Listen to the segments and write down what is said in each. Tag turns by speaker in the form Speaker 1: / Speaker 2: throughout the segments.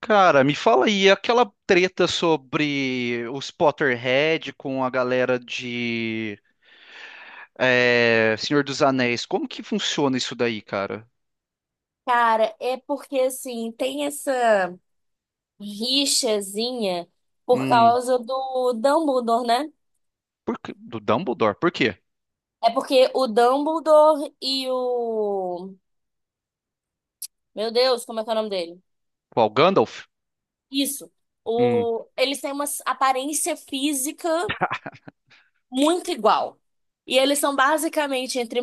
Speaker 1: Cara, me fala aí, aquela treta sobre os Potterhead com a galera de Senhor dos Anéis, como que funciona isso daí, cara?
Speaker 2: Cara, é porque assim, tem essa rixazinha por
Speaker 1: Hum,
Speaker 2: causa do Dumbledore, né?
Speaker 1: do Dumbledore, por quê?
Speaker 2: É porque o Dumbledore e o. Meu Deus, como é que é o nome dele?
Speaker 1: Qual Gandalf?
Speaker 2: Isso.
Speaker 1: Hum,
Speaker 2: O... eles têm uma aparência física muito igual. E eles são basicamente, entre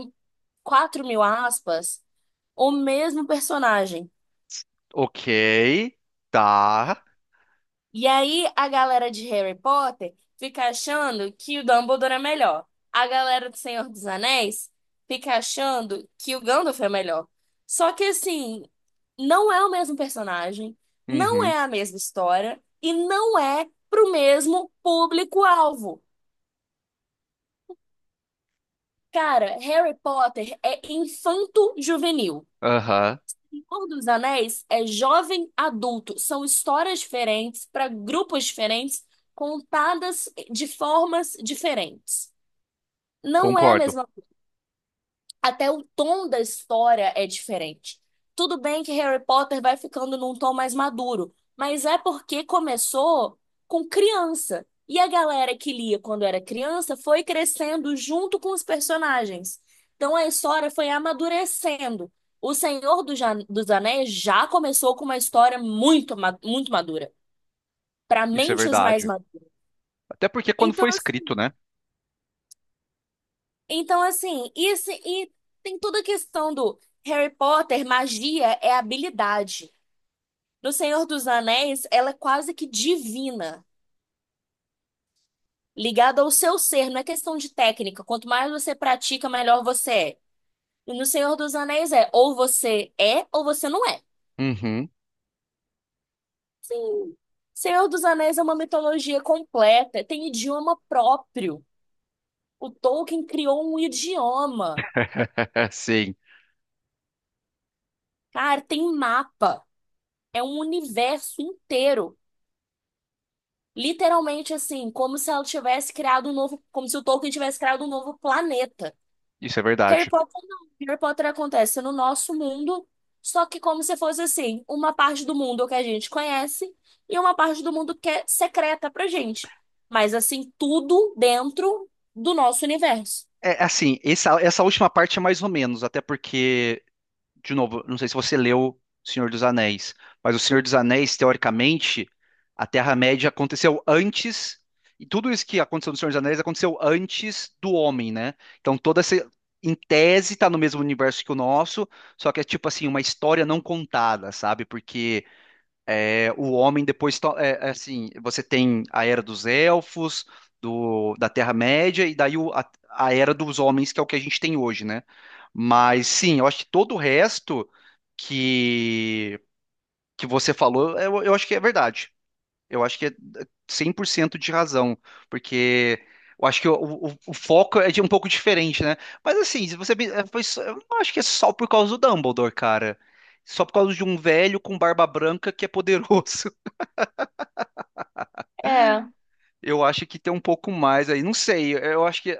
Speaker 2: 4.000 aspas, o mesmo personagem.
Speaker 1: ok, tá,
Speaker 2: E aí a galera de Harry Potter fica achando que o Dumbledore é melhor. A galera do Senhor dos Anéis fica achando que o Gandalf é melhor. Só que assim, não é o mesmo personagem, não
Speaker 1: uhum,
Speaker 2: é a mesma história e não é pro mesmo público-alvo. Cara, Harry Potter é infanto-juvenil.
Speaker 1: aham,
Speaker 2: Senhor dos Anéis é jovem adulto. São histórias diferentes para grupos diferentes, contadas de formas diferentes. Não é a
Speaker 1: concordo,
Speaker 2: mesma, até o tom da história é diferente. Tudo bem que Harry Potter vai ficando num tom mais maduro, mas é porque começou com criança. E a galera que lia quando era criança foi crescendo junto com os personagens. Então a história foi amadurecendo. O Senhor dos Anéis já começou com uma história muito madura, para
Speaker 1: isso é
Speaker 2: mentes mais
Speaker 1: verdade.
Speaker 2: maduras.
Speaker 1: Até porque quando
Speaker 2: Então,
Speaker 1: foi escrito,
Speaker 2: assim.
Speaker 1: né?
Speaker 2: Então, assim, isso e tem toda a questão do Harry Potter, magia é habilidade. No Senhor dos Anéis, ela é quase que divina, ligada ao seu ser, não é questão de técnica. Quanto mais você pratica, melhor você é. E no Senhor dos Anéis é ou você não é.
Speaker 1: Uhum,
Speaker 2: Sim. Senhor dos Anéis é uma mitologia completa, tem idioma próprio. O Tolkien criou um idioma.
Speaker 1: sim,
Speaker 2: Cara, tem mapa, é um universo inteiro. Literalmente assim, como se ela tivesse criado um novo, como se o Tolkien tivesse criado um novo planeta.
Speaker 1: isso é
Speaker 2: Harry
Speaker 1: verdade.
Speaker 2: Potter não. Harry Potter acontece no nosso mundo, só que como se fosse assim, uma parte do mundo que a gente conhece e uma parte do mundo que é secreta pra gente. Mas assim, tudo dentro do nosso universo.
Speaker 1: É, assim, essa última parte é mais ou menos, até porque de novo, não sei se você leu Senhor dos Anéis, mas o Senhor dos Anéis, teoricamente, a Terra-média aconteceu antes, e tudo isso que aconteceu no Senhor dos Anéis aconteceu antes do homem, né? Então toda essa, em tese, tá no mesmo universo que o nosso, só que é tipo assim, uma história não contada, sabe? Porque é, o homem depois, é, é assim, você tem a era dos elfos, da Terra-média, e daí a era dos homens, que é o que a gente tem hoje, né? Mas sim, eu acho que todo o resto que, que você falou, é, eu acho que é verdade. Eu acho que é 100% de razão, porque eu acho que o foco é de um pouco diferente, né? Mas assim, se você, é, eu não acho que é só por causa do Dumbledore, cara. Só por causa de um velho com barba branca que é poderoso.
Speaker 2: É.
Speaker 1: Eu acho que tem um pouco mais aí. Não sei, eu acho que,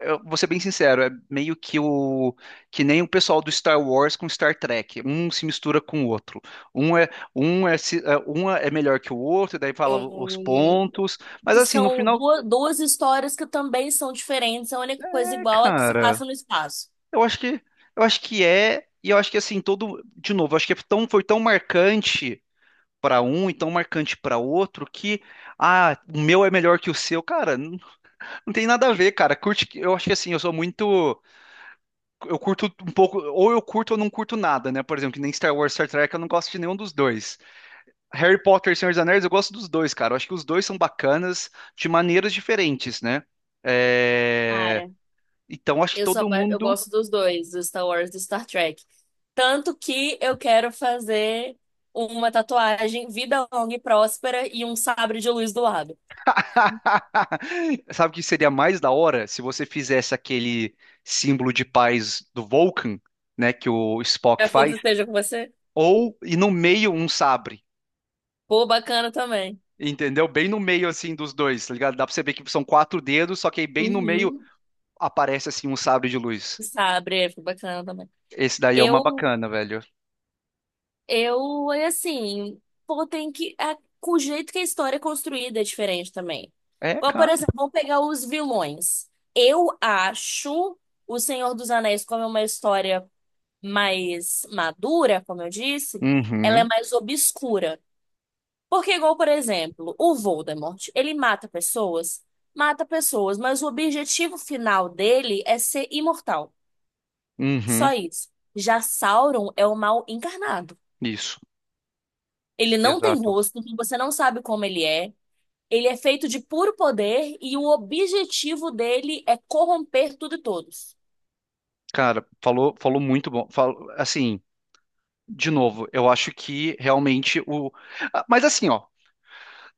Speaker 1: eu vou ser bem sincero, é meio que o que nem o pessoal do Star Wars com Star Trek. Um se mistura com o outro. Um é um é, é, um é melhor que o outro, daí fala
Speaker 2: É,
Speaker 1: os pontos. Mas
Speaker 2: que
Speaker 1: assim, no
Speaker 2: são
Speaker 1: final,
Speaker 2: duas histórias que também são diferentes, a única coisa
Speaker 1: é,
Speaker 2: igual é que se
Speaker 1: cara,
Speaker 2: passa no espaço.
Speaker 1: eu acho que eu acho que é e eu acho que assim todo, de novo, eu acho que é tão, foi tão marcante para um e tão marcante para outro que ah, o meu é melhor que o seu, cara. Não não tem nada a ver, cara. Curte, eu acho que assim, eu sou muito. Eu curto um pouco, ou eu curto ou não curto nada, né? Por exemplo, que nem Star Wars, Star Trek, eu não gosto de nenhum dos dois. Harry Potter e Senhor dos Anéis, eu gosto dos dois, cara. Eu acho que os dois são bacanas de maneiras diferentes, né? É,
Speaker 2: Cara,
Speaker 1: então, acho que
Speaker 2: eu sou,
Speaker 1: todo
Speaker 2: eu
Speaker 1: mundo.
Speaker 2: gosto dos dois, do Star Wars e do Star Trek. Tanto que eu quero fazer uma tatuagem vida longa e próspera e um sabre de luz do lado.
Speaker 1: Sabe o que seria mais da hora se você fizesse aquele símbolo de paz do Vulcan, né? Que o
Speaker 2: Que
Speaker 1: Spock
Speaker 2: a força
Speaker 1: faz,
Speaker 2: esteja com você.
Speaker 1: ou e no meio um sabre.
Speaker 2: Pô, bacana também.
Speaker 1: Entendeu? Bem no meio assim dos dois, tá ligado? Dá pra você ver que são quatro dedos, só que aí bem no meio
Speaker 2: Uhum.
Speaker 1: aparece assim um sabre de luz.
Speaker 2: Sabre, é, foi bacana também.
Speaker 1: Esse daí é uma
Speaker 2: Eu,
Speaker 1: bacana, velho.
Speaker 2: eu é assim, pô, tem que. A, o jeito que a história é construída é diferente também.
Speaker 1: É,
Speaker 2: Ou, por
Speaker 1: cara.
Speaker 2: exemplo, vamos pegar os vilões. Eu acho o Senhor dos Anéis como uma história mais madura, como eu disse, ela é
Speaker 1: Uhum,
Speaker 2: mais obscura. Porque, igual, por exemplo, o Voldemort, ele mata pessoas, mas o objetivo final dele é ser imortal. Só
Speaker 1: uhum.
Speaker 2: isso. Já Sauron é o mal encarnado.
Speaker 1: Isso,
Speaker 2: Ele não tem
Speaker 1: exato.
Speaker 2: rosto, então você não sabe como ele é. Ele é feito de puro poder e o objetivo dele é corromper tudo e todos.
Speaker 1: Cara, falou, falou muito bom. Falou, assim, de novo, eu acho que realmente o. Ah, mas assim, ó,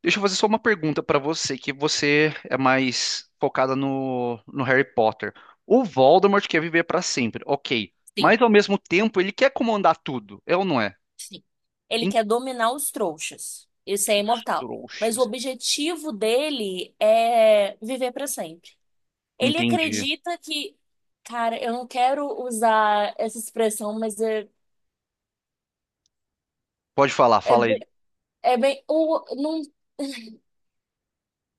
Speaker 1: deixa eu fazer só uma pergunta pra você, que você é mais focada no Harry Potter. O Voldemort quer viver pra sempre, ok.
Speaker 2: Sim.
Speaker 1: Mas ao mesmo tempo, ele quer comandar tudo, é ou não é?
Speaker 2: Sim. Ele
Speaker 1: Em...
Speaker 2: quer dominar os trouxas. Isso é
Speaker 1: os
Speaker 2: imortal. Mas o
Speaker 1: trouxas.
Speaker 2: objetivo dele é viver para sempre. Ele
Speaker 1: Entendi.
Speaker 2: acredita que, cara, eu não quero usar essa expressão, mas é,
Speaker 1: Pode falar,
Speaker 2: é,
Speaker 1: fala aí.
Speaker 2: é bem, o, não,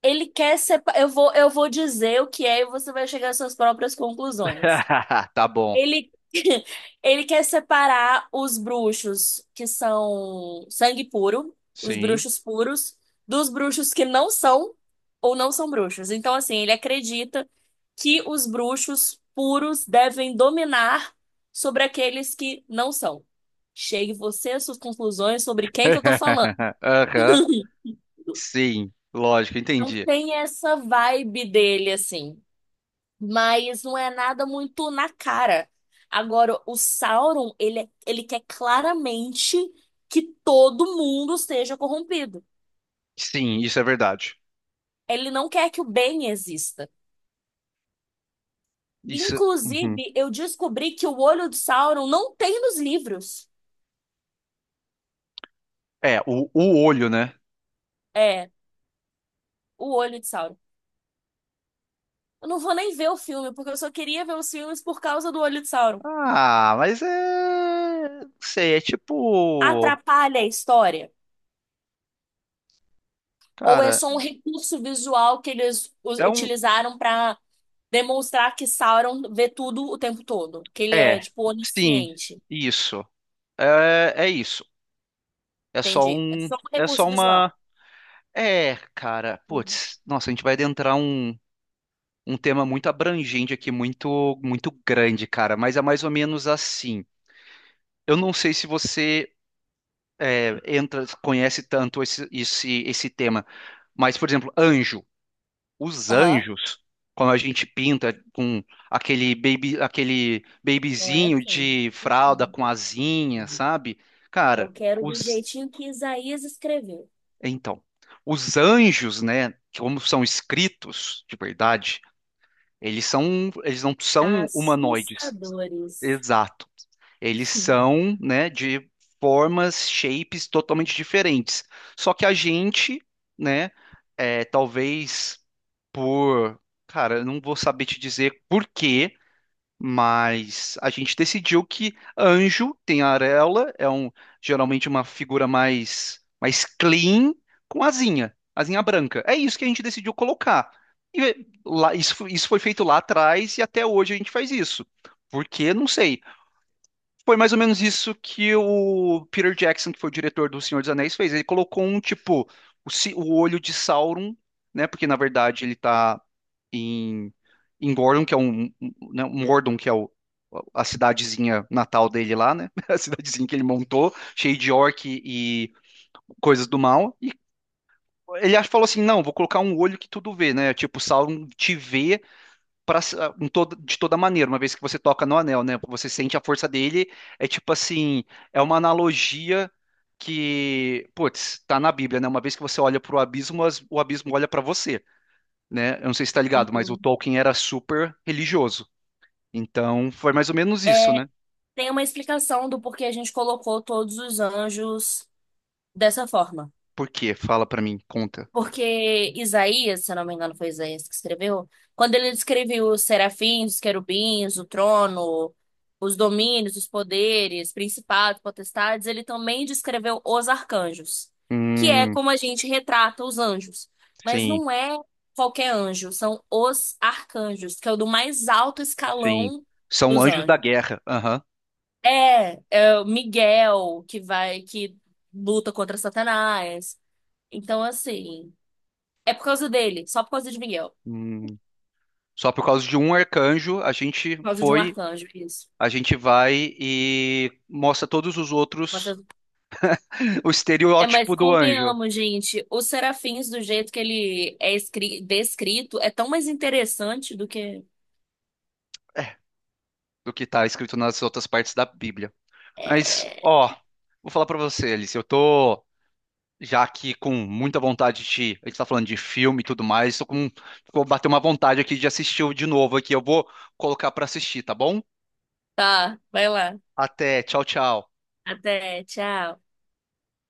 Speaker 2: ele quer ser, eu vou dizer o que é e você vai chegar às suas próprias conclusões.
Speaker 1: Tá bom.
Speaker 2: Ele, ele quer separar os bruxos que são sangue puro, os
Speaker 1: Sim.
Speaker 2: bruxos puros, dos bruxos que não são ou não são bruxos. Então, assim, ele acredita que os bruxos puros devem dominar sobre aqueles que não são. Chegue você às suas conclusões sobre quem que eu tô falando.
Speaker 1: Aham. Sim. Lógico,
Speaker 2: Então,
Speaker 1: entendi.
Speaker 2: tem essa vibe dele, assim. Mas não é nada muito na cara. Agora, o Sauron, ele, ele quer claramente que todo mundo seja corrompido.
Speaker 1: Sim, isso é verdade.
Speaker 2: Ele não quer que o bem exista.
Speaker 1: Isso. Uhum.
Speaker 2: Inclusive, eu descobri que o olho de Sauron não tem nos livros.
Speaker 1: É, o olho, né?
Speaker 2: É, o olho de Sauron. Eu não vou nem ver o filme, porque eu só queria ver os filmes por causa do olho de Sauron.
Speaker 1: Ah, mas é. Não sei, é tipo.
Speaker 2: Atrapalha a história? Ou é
Speaker 1: Cara,
Speaker 2: só um recurso visual que eles
Speaker 1: é um.
Speaker 2: utilizaram para demonstrar que Sauron vê tudo o tempo todo, que ele é,
Speaker 1: É.
Speaker 2: tipo,
Speaker 1: Sim,
Speaker 2: onisciente.
Speaker 1: isso. É, é isso. É só
Speaker 2: Entendi. É
Speaker 1: um.
Speaker 2: só um
Speaker 1: É
Speaker 2: recurso
Speaker 1: só
Speaker 2: visual.
Speaker 1: uma. É, cara.
Speaker 2: Uhum.
Speaker 1: Putz, nossa, a gente vai adentrar um, um tema muito abrangente aqui, muito, muito grande, cara. Mas é mais ou menos assim. Eu não sei se você é, entra, conhece tanto esse tema, mas, por exemplo, anjo. Os
Speaker 2: Aham.
Speaker 1: anjos, quando a gente pinta com aquele baby, aquele
Speaker 2: Não é
Speaker 1: babyzinho
Speaker 2: assim.
Speaker 1: de fralda com
Speaker 2: Uhum.
Speaker 1: asinha, sabe? Cara,
Speaker 2: Eu quero do
Speaker 1: os,
Speaker 2: jeitinho que Isaías escreveu.
Speaker 1: então, os anjos, né, como são escritos de verdade, eles são, eles não são humanoides.
Speaker 2: Assustadores.
Speaker 1: Exato. Eles são, né, de formas, shapes totalmente diferentes. Só que a gente, né, é, talvez por, cara, eu não vou saber te dizer por quê, mas a gente decidiu que anjo tem auréola, é um geralmente uma figura mais clean com asinha, asinha branca. É isso que a gente decidiu colocar. E lá, isso, isso foi feito lá atrás e até hoje a gente faz isso. Por quê? Não sei. Foi mais ou menos isso que o Peter Jackson, que foi o diretor do Senhor dos Anéis, fez. Ele colocou um tipo o olho de Sauron, né? Porque na verdade ele tá em, em Gordon, que é um, um, né, um Mordor, que é a cidadezinha natal dele lá, né? A cidadezinha que ele montou, cheia de orc e coisas do mal. E falou assim: não, vou colocar um olho que tudo vê, né? Tipo, Sauron te vê pra- em toda- de toda maneira, uma vez que você toca no anel, né? Você sente a força dele, é tipo assim, é uma analogia que, putz, tá na Bíblia, né? Uma vez que você olha pro abismo, o abismo olha pra você, né? Eu não sei se tá ligado, mas o
Speaker 2: Uhum.
Speaker 1: Tolkien era super religioso. Então, foi mais ou menos isso,
Speaker 2: É,
Speaker 1: né?
Speaker 2: tem uma explicação do porquê a gente colocou todos os anjos dessa forma.
Speaker 1: Por quê? Fala pra mim, conta.
Speaker 2: Porque Isaías, se eu não me engano, foi Isaías que escreveu, quando ele descreveu os serafins, os querubins, o trono, os domínios, os poderes, principados, potestades, ele também descreveu os arcanjos, que é
Speaker 1: Hum,
Speaker 2: como a gente retrata os anjos. Mas
Speaker 1: sim,
Speaker 2: não é qualquer anjo, são os arcanjos, que é o do mais alto
Speaker 1: sim.
Speaker 2: escalão
Speaker 1: São
Speaker 2: dos
Speaker 1: anjos da
Speaker 2: anjos.
Speaker 1: guerra. Aham.
Speaker 2: É, é o Miguel que vai, que luta contra Satanás. Então, assim. É por causa dele, só por causa de Miguel.
Speaker 1: Hum. Só por causa de um arcanjo, a gente
Speaker 2: Por causa de um
Speaker 1: foi.
Speaker 2: arcanjo, isso.
Speaker 1: A gente vai e mostra todos os
Speaker 2: Mas,
Speaker 1: outros, o
Speaker 2: é, mas
Speaker 1: estereótipo do anjo,
Speaker 2: convenhamos, gente, os serafins, do jeito que ele é descrito, é tão mais interessante do que.
Speaker 1: é, do que tá escrito nas outras partes da Bíblia. Mas, ó, vou falar pra você, Alice, eu tô já aqui com muita vontade de, a gente tá falando de filme e tudo mais, tô com, vou bater uma vontade aqui de assistir de novo aqui, eu vou colocar pra assistir, tá bom?
Speaker 2: Tá, vai lá.
Speaker 1: Até, tchau, tchau.
Speaker 2: Até, tchau.